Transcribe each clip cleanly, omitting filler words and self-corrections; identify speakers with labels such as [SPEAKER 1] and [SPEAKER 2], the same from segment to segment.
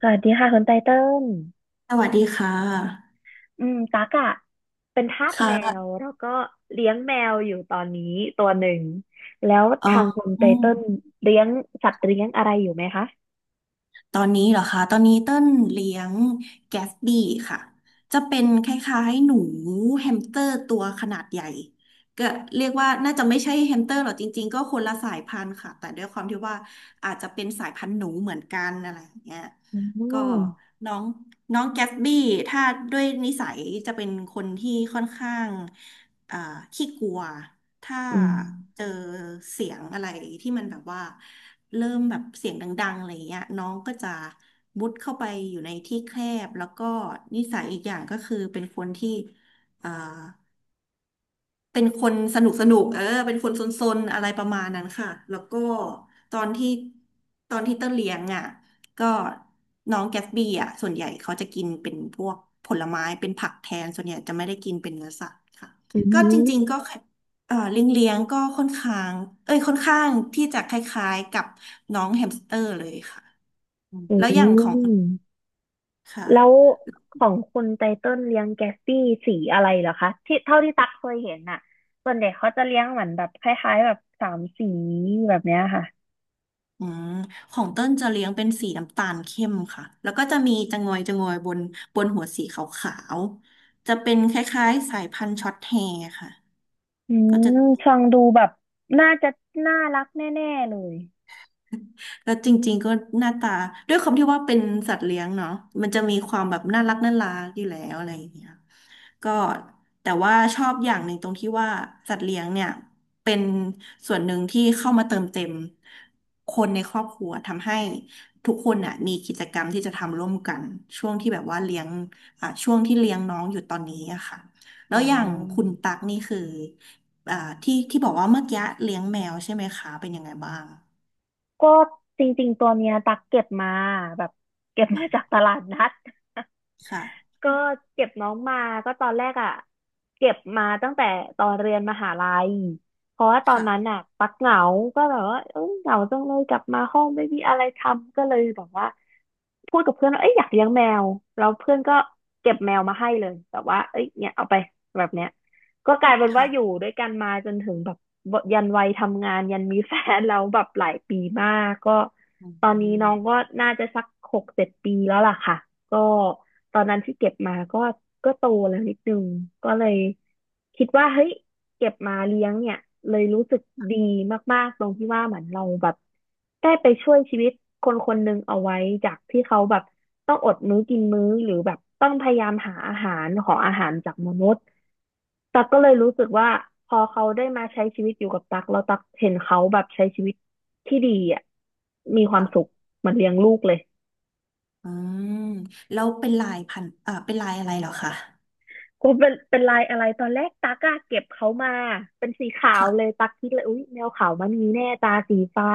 [SPEAKER 1] สวัสดีค่ะคุณไตเติ้ล
[SPEAKER 2] สวัสดีค่ะ
[SPEAKER 1] อืมตักอะเป็นทาส
[SPEAKER 2] ค
[SPEAKER 1] แมว
[SPEAKER 2] ่ะ
[SPEAKER 1] แล้วก็เลี้ยงแมวอยู่ตอนนี้ตัวหนึ่งแล้ว
[SPEAKER 2] เอ่อ
[SPEAKER 1] ทางคุณไต
[SPEAKER 2] อืม
[SPEAKER 1] เติ้ลเลี้ยงสัตว์เลี้ยงอะไรอยู่ไหมคะ
[SPEAKER 2] ตอนนี้เหรอคะตอนนี้เต้นเลี้ยงแกสบี้ค่ะ จะเป็นคล้ายๆหนูแฮมสเตอร์ตัวขนาดใหญ่ก็เรียกว่าน่าจะไม่ใช่แฮมสเตอร์หรอกจริงๆก็คนละสายพันธุ์ค่ะ แต่ด้วยความที่ว่าอาจจะเป็นสายพันธุ์หนูเหมือนกันอะไรอย่างเงี้ย
[SPEAKER 1] อ๋
[SPEAKER 2] ก็
[SPEAKER 1] อ
[SPEAKER 2] น้องน้องแกสบี้ถ้าด้วยนิสัยจะเป็นคนที่ค่อนข้างอ่าขี้กลัว ถ้า
[SPEAKER 1] อืม
[SPEAKER 2] เจอเสียงอะไรที่มันแบบว่าเริ่มแบบเสียงดังๆอะไรเงี้ยน้องก็จะมุดเข้าไปอยู่ในที่แคบแล้วก็นิสัยอีกอย่างก็คือเป็นคนที่เอ่อ เป็นคนสนุกสนุกเออเป็นคนซนๆอะไรประมาณนั้นค่ะแล้วก็ตอนที่ตอนที่เต้นเลี้ยงอ่ะก็น้องแกสบี้อ่ะส่วนใหญ่เขาจะกินเป็นพวกผลไม้เป็นผักแทนส่วนใหญ่จะไม่ได้กินเป็นเนื้อสัตว์ค่ะ
[SPEAKER 1] อื
[SPEAKER 2] ก็จริงๆ
[SPEAKER 1] ม
[SPEAKER 2] ก็เลี้ยงก็ค่อนข้างเอ้ยค่อนข้างที่จะคล้ายๆกับน้องแฮมสเตอร์เลยค่ะอืม
[SPEAKER 1] อื
[SPEAKER 2] แล้วอย่างของ
[SPEAKER 1] ม
[SPEAKER 2] ค่ะ
[SPEAKER 1] แล้วของคุณไตเติ้ลเลี้ยงแกสปี้สีอะไรเหรอคะที่เท่าที่ตักเคยเห็นน่ะส่วนเด็กเขาจะเลี้ยงเหมือนแบบคล้ายๆแบบสามสีแบบเนี้ยค่ะ
[SPEAKER 2] อืมของเต้นจะเลี้ยงเป็นสีน้ำตาลเข้มค่ะ แล้วก็จะมีจะงอยบนบนหัวสีขาวๆจะเป็นคล้ายๆสายพันธุ์ช็อตแฮร์ค่ะ
[SPEAKER 1] อื
[SPEAKER 2] ก็จะ
[SPEAKER 1] มฟังดูแบบน่าจะน่ารักแน่ๆเลย
[SPEAKER 2] แล้วจริงๆก็หน้าตาด้วยความที่ว่าเป็นสัตว์เลี้ยงเนาะมันจะมีความแบบน่ารักน่ารักอยู่แล้วอะไรอย่างเงี้ยก็แต่ว่าชอบอย่างหนึ่งตรงที่ว่าสัตว์เลี้ยงเนี่ยเป็นส่วนหนึ่งที่เข้ามาเติมเต็มคนในครอบครัวทำให้ทุกคนน่ะมีกิจกรรมที่จะทำร่วมกันช่วงที่แบบว่าเลี้ยงช่วงที่เลี้ยงน้องอยู่ตอนนี้อะค่ะแล้
[SPEAKER 1] อ๋
[SPEAKER 2] วอย่างคุ
[SPEAKER 1] อ
[SPEAKER 2] ณตักนี่คืออ่าที่บอกว่าเมื่อกี้เลี้ยงแมวใช่ไหมคะเป็นยังไงบ้าง
[SPEAKER 1] ก็จริงๆตัวเนี้ยตักเก็บมาแบบเก็บมาจากตลาดนัด
[SPEAKER 2] ค่ะ
[SPEAKER 1] ก็เก็บน้องมาก็ตอนแรกอ่ะเก็บมาตั้งแต่ตอนเรียนมหาลัยเพราะว่าตอน
[SPEAKER 2] ค่ะ
[SPEAKER 1] นั้นอ่ะตักเหงาก็แบบว่าเอ้ยเหงาจังเลยกลับมาห้องไม่มีอะไรทำก็เลยแบบว่าพูดกับเพื่อนว่าเอ้ยอยากเลี้ยงแมวแล้วเพื่อนก็เก็บแมวมาให้เลยแบบว่าเอ้ยเนี่ยเอาไปแบบเนี้ย ก็กลายเป็นว่าอยู่
[SPEAKER 2] ค่ะ
[SPEAKER 1] ด้วยกันมาจนถึงแบบยันวัยทำงานยันมีแฟนแล้วแบบหลายปีมากก็
[SPEAKER 2] อื
[SPEAKER 1] ตอนนี้น้
[SPEAKER 2] ม
[SPEAKER 1] องก็น่าจะสักหกเจ็ดปีแล้วล่ะค่ะก็ตอนนั้นที่เก็บมาก็โตแล้วนิดนึงก็เลยคิดว่าเฮ้ยเก็บมาเลี้ยงเนี่ยเลยรู้สึกดีมากๆตรงที่ว่าเหมือนเราแบบได้ไปช่วยชีวิตคนคนหนึ่งเอาไว้จากที่เขาแบบต้องอดมื้อกินมื้อหรือแบบต้องพยายามหาอาหารขออาหารจากมนุษย์ ตักก็เลยรู้สึกว่าพอเขาได้มาใช้ชีวิตอยู่กับตักแล้วตักเห็นเขาแบบใช้ชีวิตที่ดีอ่ะมีความสุข
[SPEAKER 2] ค่ะ
[SPEAKER 1] เหมือนเลี้ยงลูกเลย
[SPEAKER 2] อืมแล้วเป็นลายพันอ่าเป็นลายอะไรเหรอคะ
[SPEAKER 1] ก็เป็นลายอะไรตอนแรกตักอะเก็บเขามาเป็นสีขาวเลย
[SPEAKER 2] ค่ะ
[SPEAKER 1] ตักคิดเลยอุ๊ยแมวขาวมันมีแน่ตาสีฟ้า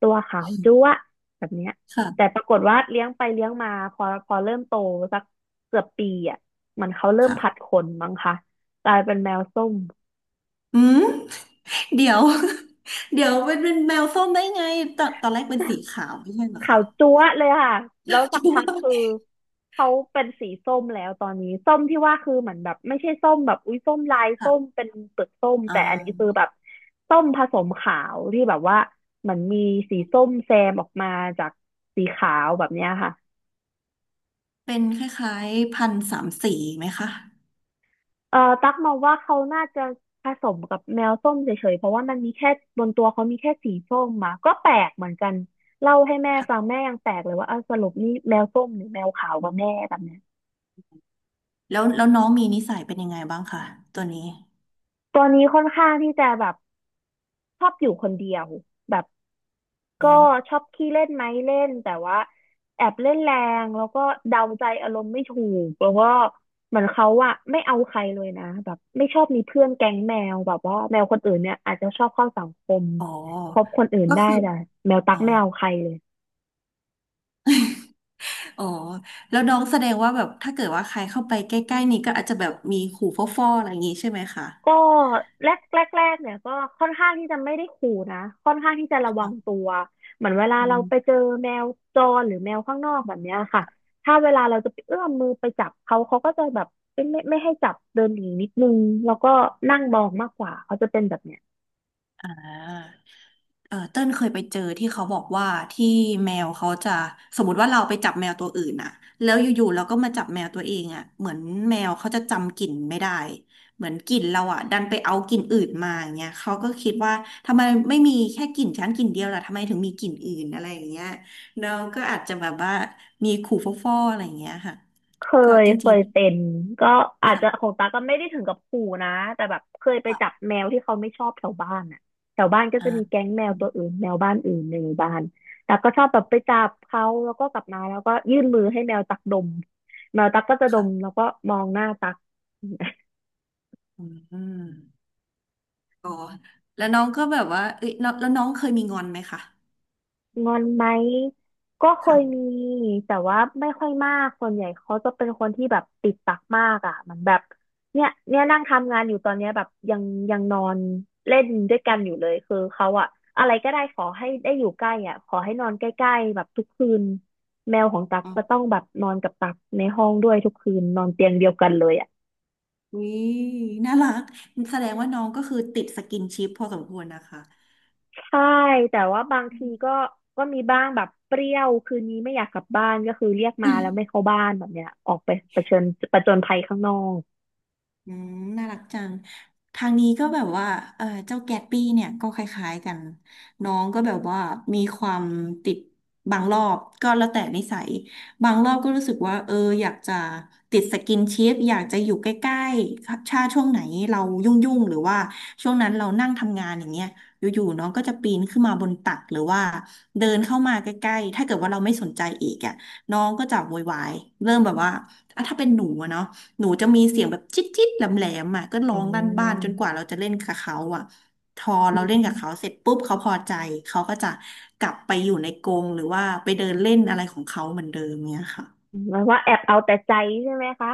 [SPEAKER 1] ตัวขาวจั๊วะแบบเนี้ยแต่
[SPEAKER 2] ค่ะ
[SPEAKER 1] ปรากฏว่าเลี้ยงไปเลี้ยงมาพอเริ่มโตสักเกือบปีอ่ะเหมันเขาเริ่ม
[SPEAKER 2] ค่ะ
[SPEAKER 1] ผัดขนมั้งคะกลายเป็นแมวส้ม
[SPEAKER 2] อืมเดี๋ยวเดี๋ยวเป็นแมวส้มได้ไงตอนแรกเป็นสีขาวไม่ใช่เหรอ
[SPEAKER 1] ขา
[SPEAKER 2] คะ
[SPEAKER 1] วจั๊วะเลยค่ะ แล้ว สั
[SPEAKER 2] คิ
[SPEAKER 1] ก
[SPEAKER 2] ด
[SPEAKER 1] พัก
[SPEAKER 2] ว่า
[SPEAKER 1] คือเขาเป็นสีส้มแล้วตอนนี้ส้มที่ว่าคือเหมือนแบบไม่ใช่ส้มแบบอุ้ยส้มลายส้ม
[SPEAKER 2] ค่ะ
[SPEAKER 1] เป็นเปลือกส้ม
[SPEAKER 2] อ่
[SPEAKER 1] แต่อันนี้คือ
[SPEAKER 2] า
[SPEAKER 1] แบบส้มผสมขาวที่แบบว่าเหมือนมีสีส้มแซมออกมาจากสีขาวแบบเนี้ยค่ะ
[SPEAKER 2] เป็นคล้ายๆพันธุ์สามสีไหมคะ
[SPEAKER 1] ตักมองว่าเขาน่าจะผสมกับแมวส้มเฉยๆเพราะว่ามันมีแค่บนตัวเขามีแค่สีส้มมาก็แปลกเหมือนกันเล่าให้แม่ฟังแม่ยังแปลกเลยว่าเอ้าสรุปนี่แมวส้มหรือแมวขาวกันแน่แบบเนี้ย
[SPEAKER 2] แล้วน้องมีนิสัยเป็นยังไงบ้างคะตัวนี้
[SPEAKER 1] ตัวนี้ค่อนข้างที่จะแบบชอบอยู่คนเดียวแบบก็ช
[SPEAKER 2] อ่า
[SPEAKER 1] อบขี้เล่นไหมเล่นแต่ว่าแอบเล่นแรงแล้วก็เดาใจอารมณ์ไม่ถูกแล้วก็เหมือนเขาอะไม่เอาใครเลยนะแบบไม่ชอบมีเพื่อนแก๊งแมวแบบว่าแมวคนอื่นเนี่ยอาจจะชอบเข้าสังคม
[SPEAKER 2] อ๋อ
[SPEAKER 1] คบคนอื่น
[SPEAKER 2] ก็
[SPEAKER 1] ได้
[SPEAKER 2] คือ
[SPEAKER 1] แต่แมวตั๊
[SPEAKER 2] อ๋
[SPEAKER 1] ก
[SPEAKER 2] อ
[SPEAKER 1] ไม่เอาใครเลย
[SPEAKER 2] อ๋อแล้วน้องแสดงว่าแบบถ้าเกิดว่าใครเข้าไปใกล้ๆนี้ก็อาจจะแบบมีขู่ฟ่อๆอะไรอย่างงี้ใช่ไหมคะ
[SPEAKER 1] ก็แรกแรกเนี่ยก็ค่อนข้างที่จะไม่ได้ขู่นะค่อนข้างที่จะระวัง
[SPEAKER 2] ค่ะ
[SPEAKER 1] ตัวเหมือนเวลา
[SPEAKER 2] อื
[SPEAKER 1] เรา
[SPEAKER 2] ม
[SPEAKER 1] ไปเจอแมวจรหรือแมวข้างนอกแบบเนี้ยค่ะถ้าเวลาเราจะไปเอื้อมมือไปจับเขาเขาก็จะแบบไม่ให้จับเดินหนีนิดนึงแล้วก็นั่งมองมากกว่าเขาจะเป็นแบบเนี้ย
[SPEAKER 2] อ่า เออเต้นเคยไปเจอที่เขาบอกว่าที่แมวเขาจะสมมติว่าเราไปจับแมวตัวอื่นน่ะแล้วอยู่ๆเราก็มาจับแมวตัวเองอ่ะเหมือนแมวเขาจะจำกลิ่นไม่ได้เหมือนกลิ่นเราอ่ะดันไปเอากลิ่นอื่นมาอย่างเงี้ยเขาก็คิดว่าทำไมไม่มีแค่กลิ่นชันกลิ่นเดียวล่ะทำไมถึงมีกลิ่นอื่นอะไรอย่างเงี้ยน้องก็อาจจะแบบว่ามีขู่ฟ่อๆอะไรอย่างเงี้ยค่ะ
[SPEAKER 1] เค
[SPEAKER 2] ก็
[SPEAKER 1] ย
[SPEAKER 2] จ
[SPEAKER 1] เค
[SPEAKER 2] ริง
[SPEAKER 1] ยเป็นก็อา
[SPEAKER 2] ๆ
[SPEAKER 1] จ
[SPEAKER 2] ค่ะ
[SPEAKER 1] จะของตาก็ไม่ได้ถึงกับขู่นะแต่แบบเคยไป
[SPEAKER 2] ค่ะ
[SPEAKER 1] จับแมวที่เขาไม่ชอบแถวบ้านอ่ะแถวบ้านก็
[SPEAKER 2] อ่า
[SPEAKER 1] จะมีแก๊งแมว
[SPEAKER 2] อืม
[SPEAKER 1] ตัวอื่นแมวบ้านอื่นในหมู่บ้านต่ก็ชอบแบบไปจับเขาแล้วก็กลับมาแล้วก็ยื่นมือให้แมวตักดมแมวตักก็จะดมแล้
[SPEAKER 2] ค่ะ
[SPEAKER 1] วก็มองหน้าตัก
[SPEAKER 2] อืม อ๋อแล้วน้องก็แบบว่าเอ้ยน้องแล้วน้องเคยมีงอนไหมคะ
[SPEAKER 1] งอนไหมก็เคยมี
[SPEAKER 2] ค่ะ
[SPEAKER 1] แต่ว่าไม่ค่อยมากส่วนใหญ่เขาจะเป็นคนที่แบบติดปากมากอ่ะเหมันแบบเนี่ยเนี่ยนั่งทำงานอยู่ตอนเนี้ยแบบยังนอนเล่นด้วยกันอยู่เลยคือเขาอะอะไรก็ได้ขอให้ได้อยู่ใกล้อ่ะขอให้นอนใกล้ๆแบบทุกคืนแมวของตั๊ก
[SPEAKER 2] อ๋อ
[SPEAKER 1] จะต้องแบบนอนกับตั๊กในห้องด้วยทุกคืนนอนเตียงเดียวกันเลยอ่ะ
[SPEAKER 2] อุ้ยน่ารัก แสดงว่าน้องก็คือติดสกินชิปพอสมควรนะคะ
[SPEAKER 1] ใช่แต่ว่าบางทีก็มีบ้างแบบเปรี้ยวคืนนี้ไม่อยากกลับบ้านก็คือเรียกมาแล้วไม่เข้าบ้านแบบเนี้ยออกไปประชิญประจนภัยข้างนอก
[SPEAKER 2] อืมน่ารักจังทางนี้ก็แบบว่าเออเจ้าแกตปี้เนี่ยก็คล้ายๆกัน น้องก็แบบว่ามีความติดบางรอบก็แล้วแต่นิสัย บางรอบก็รู้สึกว่าเอออยากจะติดสกินชิปอยากจะอยู่ใกล้ๆชาช่วงไหนเรายุ่งๆหรือว่าช่วงนั้นเรานั่งทำงานอย่างเงี้ยอยู่ๆน้องก็จะปีนขึ้นมาบนตักหรือว่าเดินเข้ามาใกล้ๆถ้าเกิดว่าเราไม่สนใจอีกอ่ะน้องก็จะโวยวายเริ่มแบบว่าอ่ะถ้าเป็นหนูอะเนาะ หนูจะมีเสียงแบบจิ๊ดจิ๊ดแหลมแหลมอ่ะก็ร้
[SPEAKER 1] อื
[SPEAKER 2] องลั่นบ้านจนกว่า
[SPEAKER 1] ม
[SPEAKER 2] เราจะเล่นกับเขาอ่ะพอเราเล่น
[SPEAKER 1] อื
[SPEAKER 2] กับเขา
[SPEAKER 1] ม
[SPEAKER 2] เสร็จปุ๊บเขาพอใจ เขาก็จะกลับไปอยู่ในกรงหรือว่าไปเดินเล่นอะไรของเขาเหมือนเดิมเนี่ยค่ะ
[SPEAKER 1] หมายว่าแอบเอาแต่ใจใช่ไหมคะ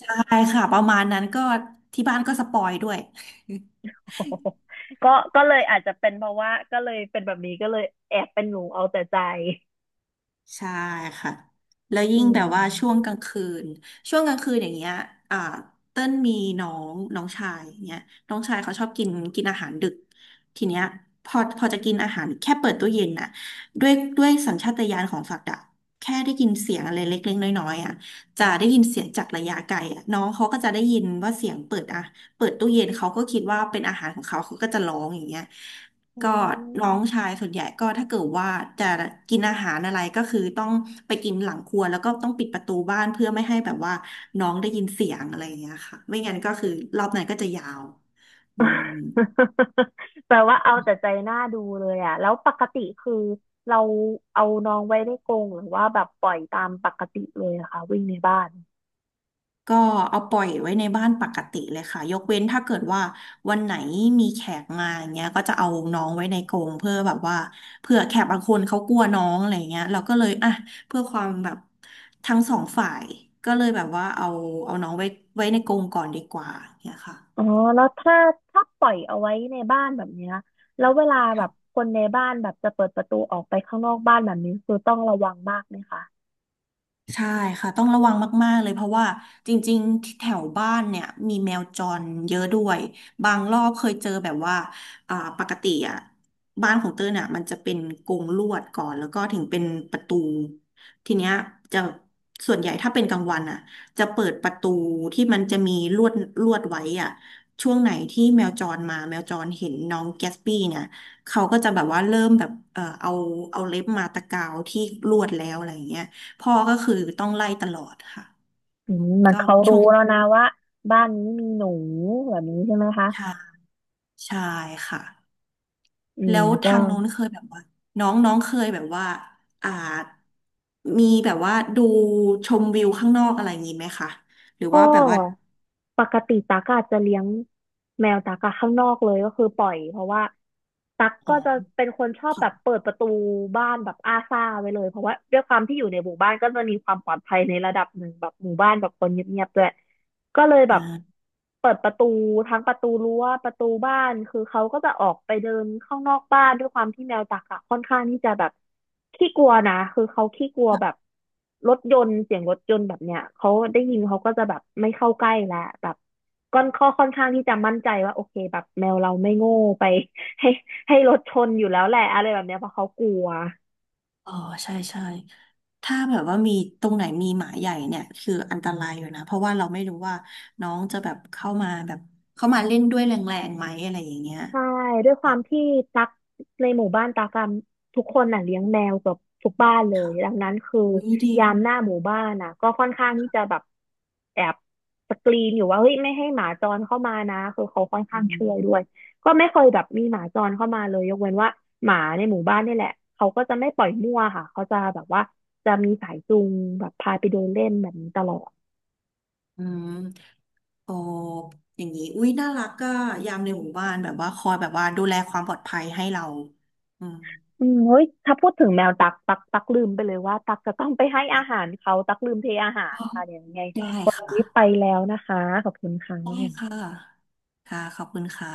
[SPEAKER 2] ใช่ค่ะประมาณนั้นก็ที่บ้านก็สปอยด้วย
[SPEAKER 1] โอ้โห ก็ก็เลยอาจจะเป็นเพราะว่าก็เลยเป็นแบบนี้ก็เลยแอบเป็นหนูเอาแต่ใจ
[SPEAKER 2] ใช่ค่ะแล้ว
[SPEAKER 1] อื
[SPEAKER 2] ยิ่งแบ
[SPEAKER 1] ม
[SPEAKER 2] บว่าช่วงกลางคืนช่วงกลางคืนอย่างเงี้ยอ่าเต้นมีน้องน้องชายเนี้ยน้องชายเขาชอบกินกินอาหารดึกทีเนี้ยพอจะกินอาหารแค่เปิดตู้เย็นน่ะด้วยสัญชาตญาณของสัตว์อะแค่ได้ยินเสียงอะไรเล็กๆน้อยๆอ่ะจะได้ยินเสียงจากระยะไกลอ่ะน้องเขาก็จะได้ยินว่าเสียงเปิดอ่ะเปิดตู้เย็นเขาก็คิดว่าเป็นอาหารของเขาเขาก็จะร้องอย่างเงี้ย
[SPEAKER 1] อ๋อ
[SPEAKER 2] ก็น้องชายส่วนใหญ่ก็ถ้าเกิดว่าจะกินอาหารอะไรก็คือต้องไปกินหลังครัวแล้วก็ต้องปิดประตูบ้านเพื่อไม่ให้แบบว่าน้องได้ยินเสียงอะไรอย่างเงี้ยค่ะไม่งั้นก็คือรอบนั้นก็จะยาวอืม
[SPEAKER 1] แปลว่าเอาแต่ใจหน้าดูเลยอ่ะแล้วปกติคือเราเอาน้องไว้ในกรงหรือว่าแบบปล่อยตามปกติเลยนะคะวิ่งในบ้าน
[SPEAKER 2] ก็เอาปล่อยไว้ในบ้านปกติเลยค่ะยกเว้นถ้าเกิดว่าวันไหนมีแขกมาอย่างเงี้ยก็จะเอาน้องไว้ในกรงเพื่อแบบว่าเผื่อแขกบางคนเขากลัวน้องอะไรเงี้ยเราก็เลยเพื่อความแบบทั้งสองฝ่ายก็เลยแบบว่าเอาน้องไว้ในกรงก่อนดีกว่าเนี่ยค่ะ
[SPEAKER 1] อ๋อแล้วถ้าปล่อยเอาไว้ในบ้านแบบเนี้ยแล้วเวลาแบบคนในบ้านแบบจะเปิดประตูออกไปข้างนอกบ้านแบบนี้คือต้องระวังมากไหมคะ
[SPEAKER 2] ใช่ค่ะต้องระวังมากๆเลยเพราะว่าจริงๆที่แถวบ้านเนี่ยมีแมวจรเยอะด้วยบางรอบเคยเจอแบบว่าปกติอ่ะบ้านของเต้ยเนี่ยมันจะเป็นกรงลวดก่อนแล้วก็ถึงเป็นประตูทีเนี้ยจะส่วนใหญ่ถ้าเป็นกลางวันอ่ะจะเปิดประตูที่มันจะมีลวดลวดไว้อ่ะช่วงไหนที่แมวจรมาแมวจรเห็นน้องแกสปี้เนี่ยเขาก็จะแบบว่าเริ่มแบบเออเอาเล็บมาตะกาวที่ลวดแล้วอะไรอย่างเงี้ย พ่อก็คือต้องไล่ตลอดค่ะ
[SPEAKER 1] อื
[SPEAKER 2] อื
[SPEAKER 1] ม
[SPEAKER 2] ม
[SPEAKER 1] มัน
[SPEAKER 2] ก็
[SPEAKER 1] เขา
[SPEAKER 2] ช่
[SPEAKER 1] รู้
[SPEAKER 2] วง
[SPEAKER 1] แล้วนะว่าบ้านนี้มีหนูแบบนี้ใช่ไหมคะ
[SPEAKER 2] ชาชายค่ะ
[SPEAKER 1] อื
[SPEAKER 2] แล้
[SPEAKER 1] ม
[SPEAKER 2] ว
[SPEAKER 1] ก็
[SPEAKER 2] ทางโน้นเคยแบบว่าน้องน้องเคยแบบว่าอ่ามีแบบว่าดูชมวิวข้างนอกอะไรอย่างนี้ไหมคะหรือ
[SPEAKER 1] ก็
[SPEAKER 2] ว่าแบบว่า
[SPEAKER 1] ปกติตั๊กอาจจะเลี้ยงแมวตั๊กอะข้างนอกเลยก็คือปล่อยเพราะว่าตั๊ก
[SPEAKER 2] อ๋อ
[SPEAKER 1] ก็จะเป็นคนชอบแบบ
[SPEAKER 2] ค่ะ
[SPEAKER 1] เปิดประตูบ้านแบบอ้าซ่าไว้เลยเพราะว่าด้วยความที่อยู่ในหมู่บ้านก็จะมีความปลอดภัยในระดับหนึ่งแบบหมู่บ้านแบบคนเงียบๆด้วย ก็เลยแบบ
[SPEAKER 2] อ่า
[SPEAKER 1] เปิดประตูทั้งประตูรั้วประตูบ้านคือเขาก็จะออกไปเดินข้างนอกบ้านด้วยความที่แมวจักอะค่อนข้างที่จะแบบขี้กลัวนะคือเขาขี้กลัวแบบรถยนต์เสียงรถยนต์แบบเนี้ยเขาได้ยินเขาก็จะแบบไม่เข้าใกล้แล้วแบบก้อนข้อค่อนข้างที่จะมั่นใจว่าโอเคแบบแมวเราไม่โง่ไป ให้ให้รถชนอยู่แล้วแหละอะไรแบบเนี้ยเพราะเขากลัว
[SPEAKER 2] อ๋อใช่ใช่ถ้าแบบว่ามีตรงไหนมีหมาใหญ่เนี่ยคืออันตรายอยู่นะเพราะว่าเราไม่รู้ว่าน้องจะแบบเข้ามาแบบเข้ามาเล่นด้วยแรงๆไหมอะไรอย่างเงี้ย
[SPEAKER 1] ใช่ด้วยความที่ตักในหมู่บ้านตักอะทุกคนน่ะเลี้ยงแมวเกับทุกบ้านเลย
[SPEAKER 2] ค่ะ
[SPEAKER 1] ดังนั้นคือ
[SPEAKER 2] อุ้ยดี
[SPEAKER 1] ยามหน้าหมู่บ้านน่ะก็ค่อนข้างที่จะแบบแอบสกรีนอยู่ว่าเฮ้ยไม่ให้หมาจรเข้ามานะคือเขาค่อน
[SPEAKER 2] อื
[SPEAKER 1] ข้างช่วยด้วย
[SPEAKER 2] ม
[SPEAKER 1] ก็ไม่เคยแบบมีหมาจรเข้ามาเลยยกเว้นว่าหมาในหมู่บ้านนี่แหละเขาก็จะไม่ปล่อยมั่วค่ะเขาจะแบบว่าจะมีสายจูงแบบพาไปเดินเล่นแบบนี้ตลอด
[SPEAKER 2] อืม โอ้อย่างนี้อุ้ยน่ารักก็ยามในหมู่บ้านแบบว่าคอยแบบว่าดูแลความปลอดภัยให้เราอืม
[SPEAKER 1] อืมเฮ้ย ถ้าพูดถึงแมวตัก ตักลืมไปเลยว่าตักจะต้องไปให้อาหารเขาตักลืมเทอาหา
[SPEAKER 2] อ๋
[SPEAKER 1] ร
[SPEAKER 2] อ
[SPEAKER 1] ค่ะเดี๋ยวยังไง
[SPEAKER 2] ได้
[SPEAKER 1] วัน
[SPEAKER 2] ค่ะ
[SPEAKER 1] นี้ไปแล้วนะคะขอบคุณค่ะ
[SPEAKER 2] ได้ค่ะค่ะขอบคุณค่ะ